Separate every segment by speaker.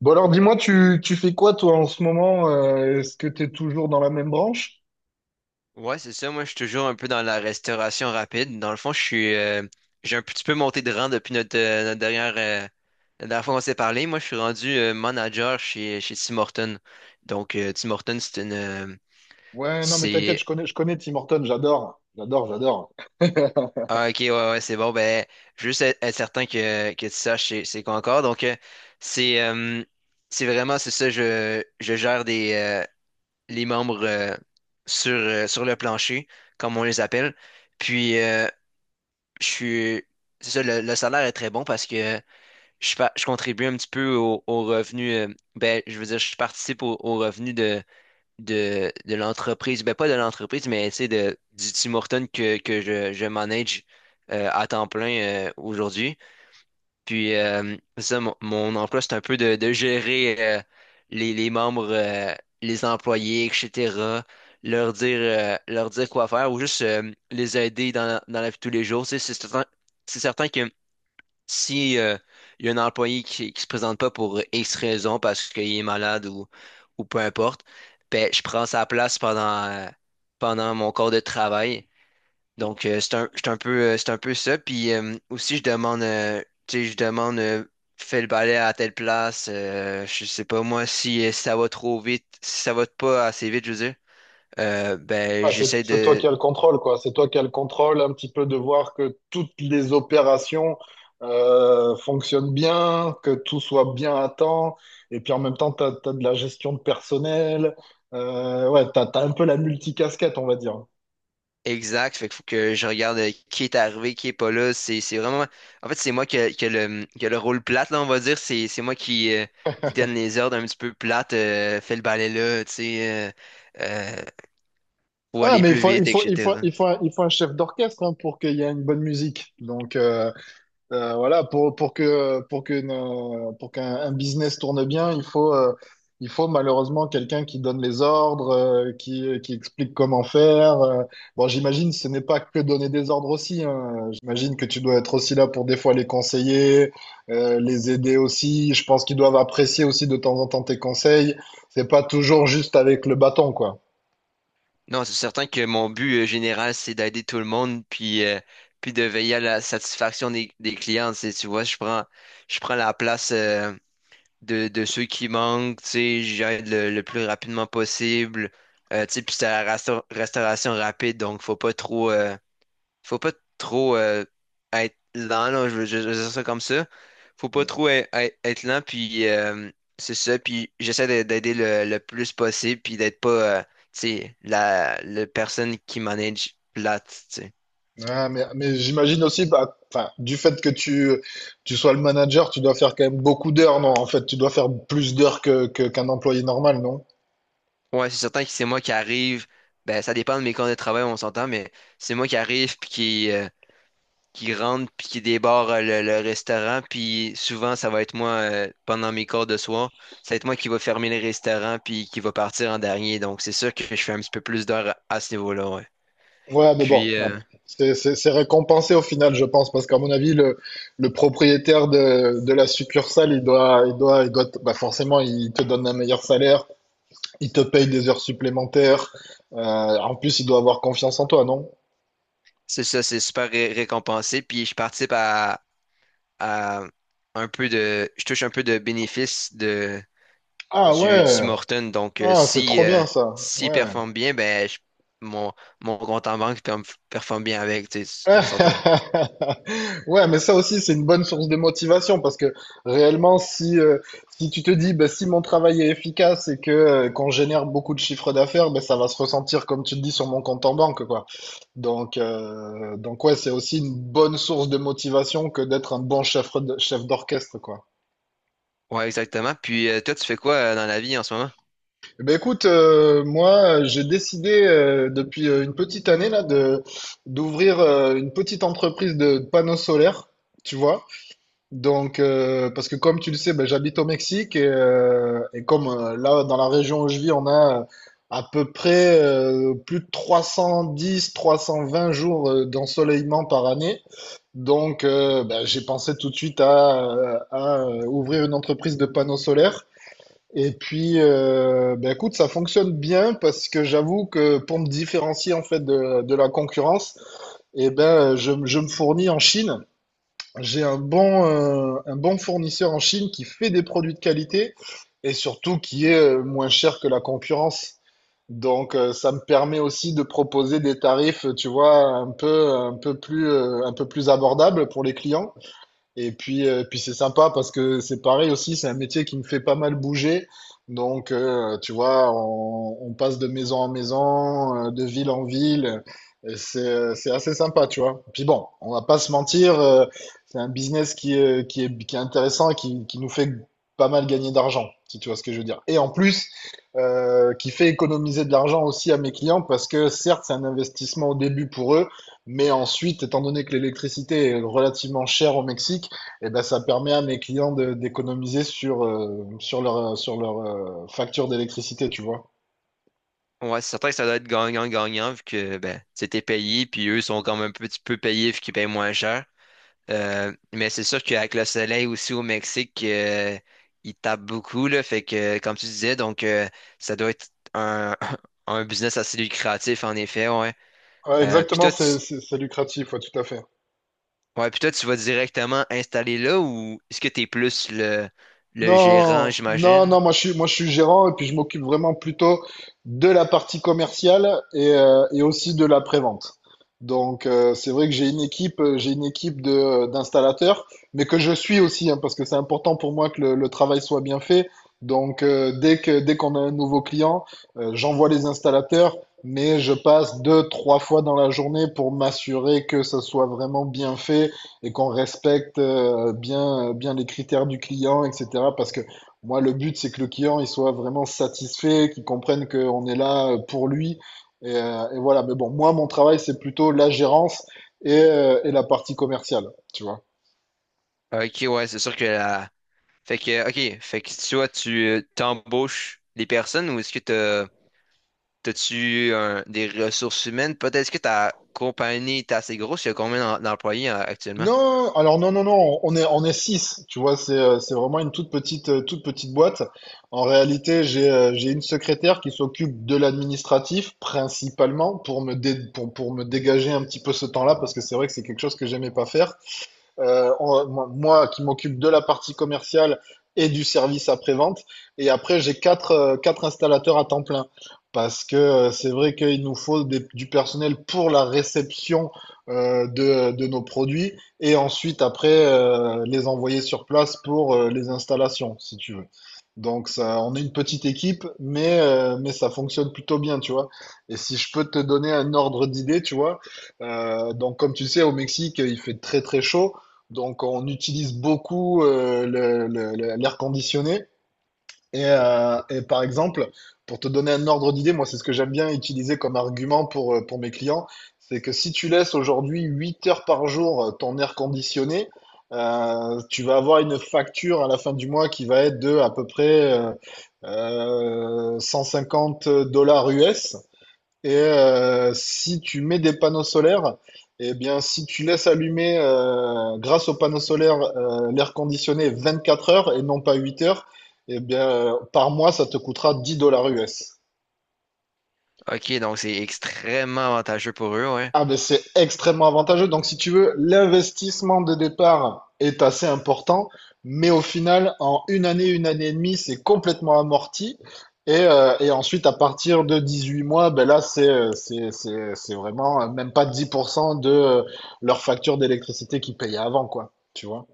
Speaker 1: Bon alors dis-moi, tu fais quoi toi en ce moment? Est-ce que t'es toujours dans la même branche?
Speaker 2: Ouais, c'est ça. Moi, je suis toujours un peu dans la restauration rapide. Dans le fond, j'ai un petit peu monté de rang depuis notre dernière fois qu'on s'est parlé. Moi, je suis rendu manager chez Tim Hortons. Donc, Tim Hortons,
Speaker 1: Ouais, non mais t'inquiète,
Speaker 2: c'est,
Speaker 1: je connais Tim Horton, j'adore, j'adore, j'adore.
Speaker 2: ah, ok, ouais, ouais, c'est bon. Ben, juste être certain que tu saches c'est quoi encore. C'est, euh, c'est vraiment, c'est ça. Je gère les membres sur, sur le plancher, comme on les appelle. Puis, je suis. C'est ça, le salaire est très bon parce que je contribue un petit peu au revenu. Je veux dire, je participe au revenu de l'entreprise. Ben, pas de l'entreprise, mais tu sais, de, du Tim Hortons que je manage à temps plein aujourd'hui. Mon emploi, c'est un peu de gérer les membres, les employés, etc. Leur dire quoi faire ou juste les aider dans dans la vie de tous les jours. Tu sais. C'est certain que si il y a un employé qui se présente pas pour X raison, parce qu'il est malade ou peu importe, ben, je prends sa place pendant mon corps de travail. Donc, c'est un peu ça. Puis aussi, je demande, fais le balai à telle place. Je sais pas moi si, si ça va trop vite, si ça va pas assez vite, je veux dire. Ben,
Speaker 1: Ah, c'est,
Speaker 2: j'essaie
Speaker 1: c'est toi
Speaker 2: de
Speaker 1: qui as le contrôle, quoi. C'est toi qui as le contrôle un petit peu de voir que toutes les opérations fonctionnent bien, que tout soit bien à temps. Et puis en même temps, tu as, de la gestion de personnel. Ouais, tu as, un peu la multicasquette, on va dire.
Speaker 2: Exact. Fait qu'il faut que je regarde qui est arrivé, qui est pas là. C'est vraiment. En fait, c'est moi qui a qui a le rôle plate là, on va dire. C'est moi qui donne les ordres un petit peu plates. Fais le balai là, tu sais, euh, faut
Speaker 1: Ah,
Speaker 2: aller
Speaker 1: mais
Speaker 2: plus vite, etc.
Speaker 1: il faut un chef d'orchestre hein, pour qu'il y ait une bonne musique. Donc voilà, pour qu'un un business tourne bien, il faut malheureusement quelqu'un qui donne les ordres, qui explique comment faire. Bon, j'imagine ce n'est pas que donner des ordres aussi, hein. J'imagine que tu dois être aussi là pour des fois les conseiller, les aider aussi. Je pense qu'ils doivent apprécier aussi de temps en temps tes conseils. C'est pas toujours juste avec le bâton, quoi.
Speaker 2: Non, c'est certain que mon but général, c'est d'aider tout le monde, puis, puis de veiller à la satisfaction des clients. Tu sais, tu vois, je prends la place de ceux qui manquent, tu sais, j'aide le plus rapidement possible. Tu sais, puis c'est la restauration rapide, donc faut pas trop être lent, là, je veux dire ça comme ça. Faut pas trop être lent, puis c'est ça. Puis d'aider le plus possible, puis d'être pas, tu sais, la personne qui manage plate, tu sais.
Speaker 1: Ah, mais j'imagine aussi, bah, enfin, du fait que tu sois le manager, tu dois faire quand même beaucoup d'heures, non? En fait, tu dois faire plus d'heures qu'un employé normal, non?
Speaker 2: Ouais, c'est certain que c'est moi qui arrive. Ben, ça dépend de mes conditions de travail, on s'entend, mais c'est moi qui arrive, puis qui rentre puis qui débarre le restaurant. Puis souvent, ça va être moi, pendant mes cours de soir, ça va être moi qui va fermer le restaurant puis qui va partir en dernier. Donc, c'est sûr que je fais un petit peu plus d'heures à ce niveau-là, ouais.
Speaker 1: Ouais, mais bon,
Speaker 2: Puis, euh,
Speaker 1: c'est récompensé au final, je pense, parce qu'à mon avis, le propriétaire de la succursale, bah, forcément, il te donne un meilleur salaire, il te paye des heures supplémentaires, en plus, il doit avoir confiance en toi, non?
Speaker 2: c'est super récompensé. Puis, je participe à un peu de, je touche un peu de bénéfices
Speaker 1: Ah
Speaker 2: du
Speaker 1: ouais,
Speaker 2: Tim Horton. Donc,
Speaker 1: ah, c'est
Speaker 2: si,
Speaker 1: trop bien ça,
Speaker 2: s'il
Speaker 1: ouais.
Speaker 2: performe bien, mon, mon compte en banque performe bien avec, tu sais, on s'entend.
Speaker 1: Ouais, mais ça aussi, c'est une bonne source de motivation parce que réellement, si tu te dis, bah, si mon travail est efficace et que qu'on génère beaucoup de chiffres d'affaires, bah, ça va se ressentir, comme tu le dis, sur mon compte en banque, quoi. Donc ouais, c'est aussi une bonne source de motivation que d'être un bon chef, chef d'orchestre, quoi.
Speaker 2: Ouais, exactement. Puis, toi, tu fais quoi dans la vie en ce moment?
Speaker 1: Eh ben, écoute, moi, j'ai décidé depuis une petite année là de d'ouvrir une petite entreprise de panneaux solaires, tu vois. Parce que comme tu le sais, ben, j'habite au Mexique et comme là, dans la région où je vis, on a à peu près plus de 310, 320 jours d'ensoleillement par année. Ben, j'ai pensé tout de suite à ouvrir une entreprise de panneaux solaires. Et puis, ben, écoute, ça fonctionne bien parce que j'avoue que pour me différencier en fait de la concurrence, eh ben, je me fournis en Chine. J'ai un bon fournisseur en Chine qui fait des produits de qualité et surtout qui est moins cher que la concurrence. Ça me permet aussi de proposer des tarifs, tu vois, un peu plus abordables pour les clients. Et puis, c'est sympa parce que c'est pareil aussi, c'est un métier qui me fait pas mal bouger. Tu vois, on passe de maison en maison, de ville en ville. Et c'est assez sympa, tu vois. Puis bon, on va pas se mentir, c'est un business qui est intéressant et qui nous fait pas mal gagner d'argent, si tu vois ce que je veux dire. Et en plus, qui fait économiser de l'argent aussi à mes clients parce que certes, c'est un investissement au début pour eux, mais ensuite, étant donné que l'électricité est relativement chère au Mexique, et ben, ça permet à mes clients d'économiser sur leur facture d'électricité, tu vois.
Speaker 2: Ouais, c'est certain que ça doit être gagnant-gagnant vu que ben, c'était payé, puis eux sont quand même un petit peu payés vu qu'ils payent moins cher. Mais c'est sûr qu'avec le soleil aussi au Mexique, il tape beaucoup, là. Fait que, comme tu disais, donc, ça doit être un, un business assez lucratif, en effet, ouais.
Speaker 1: Ouais,
Speaker 2: Euh, puis
Speaker 1: exactement,
Speaker 2: toi, tu,
Speaker 1: c'est lucratif, ouais, tout à fait.
Speaker 2: ouais, puis toi, tu vas directement installer là ou est-ce que t'es plus le gérant,
Speaker 1: Non, non,
Speaker 2: j'imagine?
Speaker 1: non, moi je suis gérant et puis je m'occupe vraiment plutôt de la partie commerciale et aussi de la prévente. C'est vrai que j'ai une équipe d'installateurs, mais que je suis aussi hein, parce que c'est important pour moi que le travail soit bien fait. Dès qu'on a un nouveau client, j'envoie les installateurs, mais je passe deux, trois fois dans la journée pour m'assurer que ça soit vraiment bien fait et qu'on respecte bien, bien les critères du client, etc. Parce que moi, le but, c'est que le client, il soit vraiment satisfait, qu'il comprenne qu'on est là pour lui. Et voilà. Mais bon, moi, mon travail, c'est plutôt la gérance et la partie commerciale, tu vois.
Speaker 2: Ok, ouais, c'est sûr que la... Fait que toi, tu t'embauches les personnes ou est-ce que t'as-tu des ressources humaines? Peut-être est-ce que ta compagnie est assez grosse. Il y a combien d'employés actuellement?
Speaker 1: Non, alors non, non, non, on est six, tu vois, c'est vraiment une toute petite boîte. En réalité, j'ai une secrétaire qui s'occupe de l'administratif principalement pour me dégager un petit peu ce temps-là parce que c'est vrai que c'est quelque chose que j'aimais pas faire moi qui m'occupe de la partie commerciale et du service après-vente. Et après, j'ai quatre installateurs à temps plein. Parce que C'est vrai qu'il nous faut du personnel pour la réception de nos produits et ensuite après les envoyer sur place pour les installations, si tu veux. Donc ça, on est une petite équipe, mais ça fonctionne plutôt bien, tu vois. Et si je peux te donner un ordre d'idée, tu vois, donc comme tu sais, au Mexique, il fait très très chaud. Donc, on utilise beaucoup l'air conditionné. Et par exemple, pour te donner un ordre d'idée, moi, c'est ce que j'aime bien utiliser comme argument pour mes clients, c'est que si tu laisses aujourd'hui 8 heures par jour ton air conditionné, tu vas avoir une facture à la fin du mois qui va être de à peu près 150 dollars US. Et si tu mets des panneaux solaires, eh bien, si tu laisses allumer grâce aux panneaux solaires l'air conditionné 24 heures et non pas 8 heures, eh bien, par mois, ça te coûtera 10 dollars US.
Speaker 2: OK, donc c'est extrêmement avantageux pour eux, ouais.
Speaker 1: Ah ben c'est extrêmement avantageux. Donc si tu veux, l'investissement de départ est assez important, mais au final, en une année et demie, c'est complètement amorti. Et ensuite, à partir de 18 mois, ben là, c'est vraiment même pas 10% de leur facture d'électricité qu'ils payaient avant, quoi. Tu vois?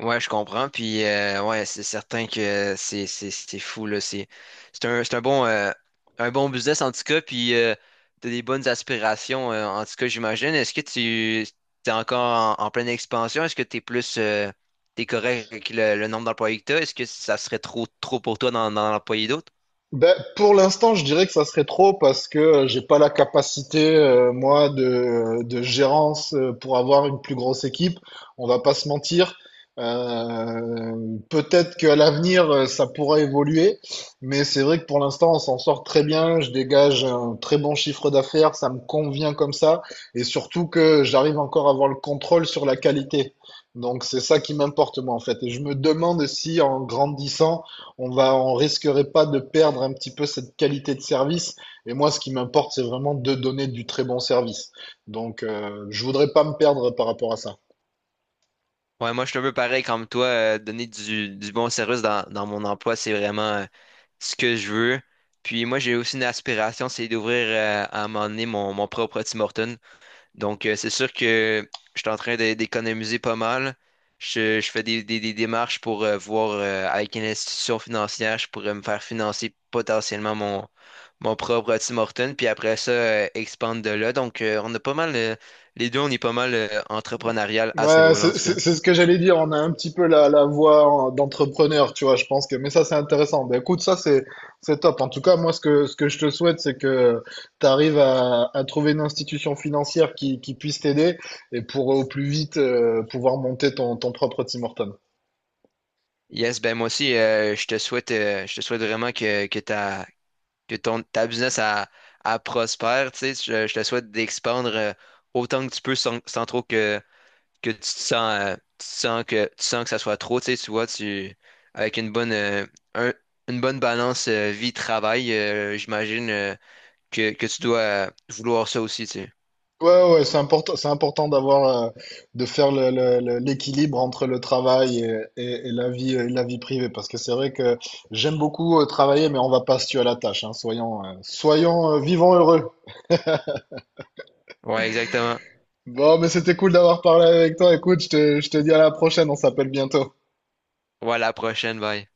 Speaker 2: Ouais, je comprends. Puis ouais, c'est certain que c'est fou là. C'est un bon business en tout cas. Puis t'as des bonnes aspirations en tout cas, j'imagine. Est-ce que tu t'es encore en pleine expansion? Est-ce que t'es plus t'es correct avec le nombre d'employés que t'as? Est-ce que ça serait trop trop pour toi d'en employer d'autres?
Speaker 1: Ben, pour l'instant, je dirais que ça serait trop parce que j'ai pas la capacité, moi, de gérance pour avoir une plus grosse équipe. On va pas se mentir. Euh, Peut-être qu'à l'avenir, ça pourra évoluer, mais c'est vrai que pour l'instant, on s'en sort très bien. Je dégage un très bon chiffre d'affaires, ça me convient comme ça, et surtout que j'arrive encore à avoir le contrôle sur la qualité. Donc c'est ça qui m'importe moi en fait. Et je me demande si en grandissant, on risquerait pas de perdre un petit peu cette qualité de service. Et moi, ce qui m'importe, c'est vraiment de donner du très bon service. Je voudrais pas me perdre par rapport à ça.
Speaker 2: Ouais, moi, je suis un peu pareil comme toi. Donner du bon service dans mon emploi, c'est vraiment ce que je veux. Puis moi, j'ai aussi une aspiration, c'est d'ouvrir à un moment donné mon propre Tim Hortons. Donc, c'est sûr que je suis d'économiser pas mal. Je fais des démarches pour voir avec une institution financière, je pourrais me faire financer potentiellement mon propre Tim Hortons. Puis après ça, expandre de là. Donc, on a pas mal, on est pas mal entrepreneurial à ce
Speaker 1: Ouais,
Speaker 2: niveau-là, en
Speaker 1: c'est
Speaker 2: tout cas.
Speaker 1: c'est- c'est ce que j'allais dire. On a un petit peu la voix d'entrepreneur, tu vois, je pense que. Mais ça, c'est intéressant. Ben, écoute, ça, c'est top. En tout cas, moi, ce que je te souhaite, c'est que tu arrives à trouver une institution financière qui puisse t'aider et pour au plus vite pouvoir monter ton propre Tim Hortons.
Speaker 2: Yes, ben moi aussi, je te souhaite vraiment que ta business a, a prospère, tu sais, je te souhaite d'expandre autant que tu peux sans trop que tu te sens, tu te sens tu sens que ça soit trop, tu sais, tu vois, tu, avec un- une bonne balance vie-travail, j'imagine que tu dois vouloir ça aussi, tu sais.
Speaker 1: Ouais, ouais, c'est important d'avoir, de faire l'équilibre entre le travail et la vie, et la vie privée, parce que c'est vrai que j'aime beaucoup travailler, mais on va pas se tuer à la tâche, hein, soyons vivants heureux.
Speaker 2: Ouais, exactement.
Speaker 1: Bon, mais c'était cool d'avoir parlé avec toi. Écoute, je te dis à la prochaine, on s'appelle bientôt.
Speaker 2: Ouais, à la prochaine, bye.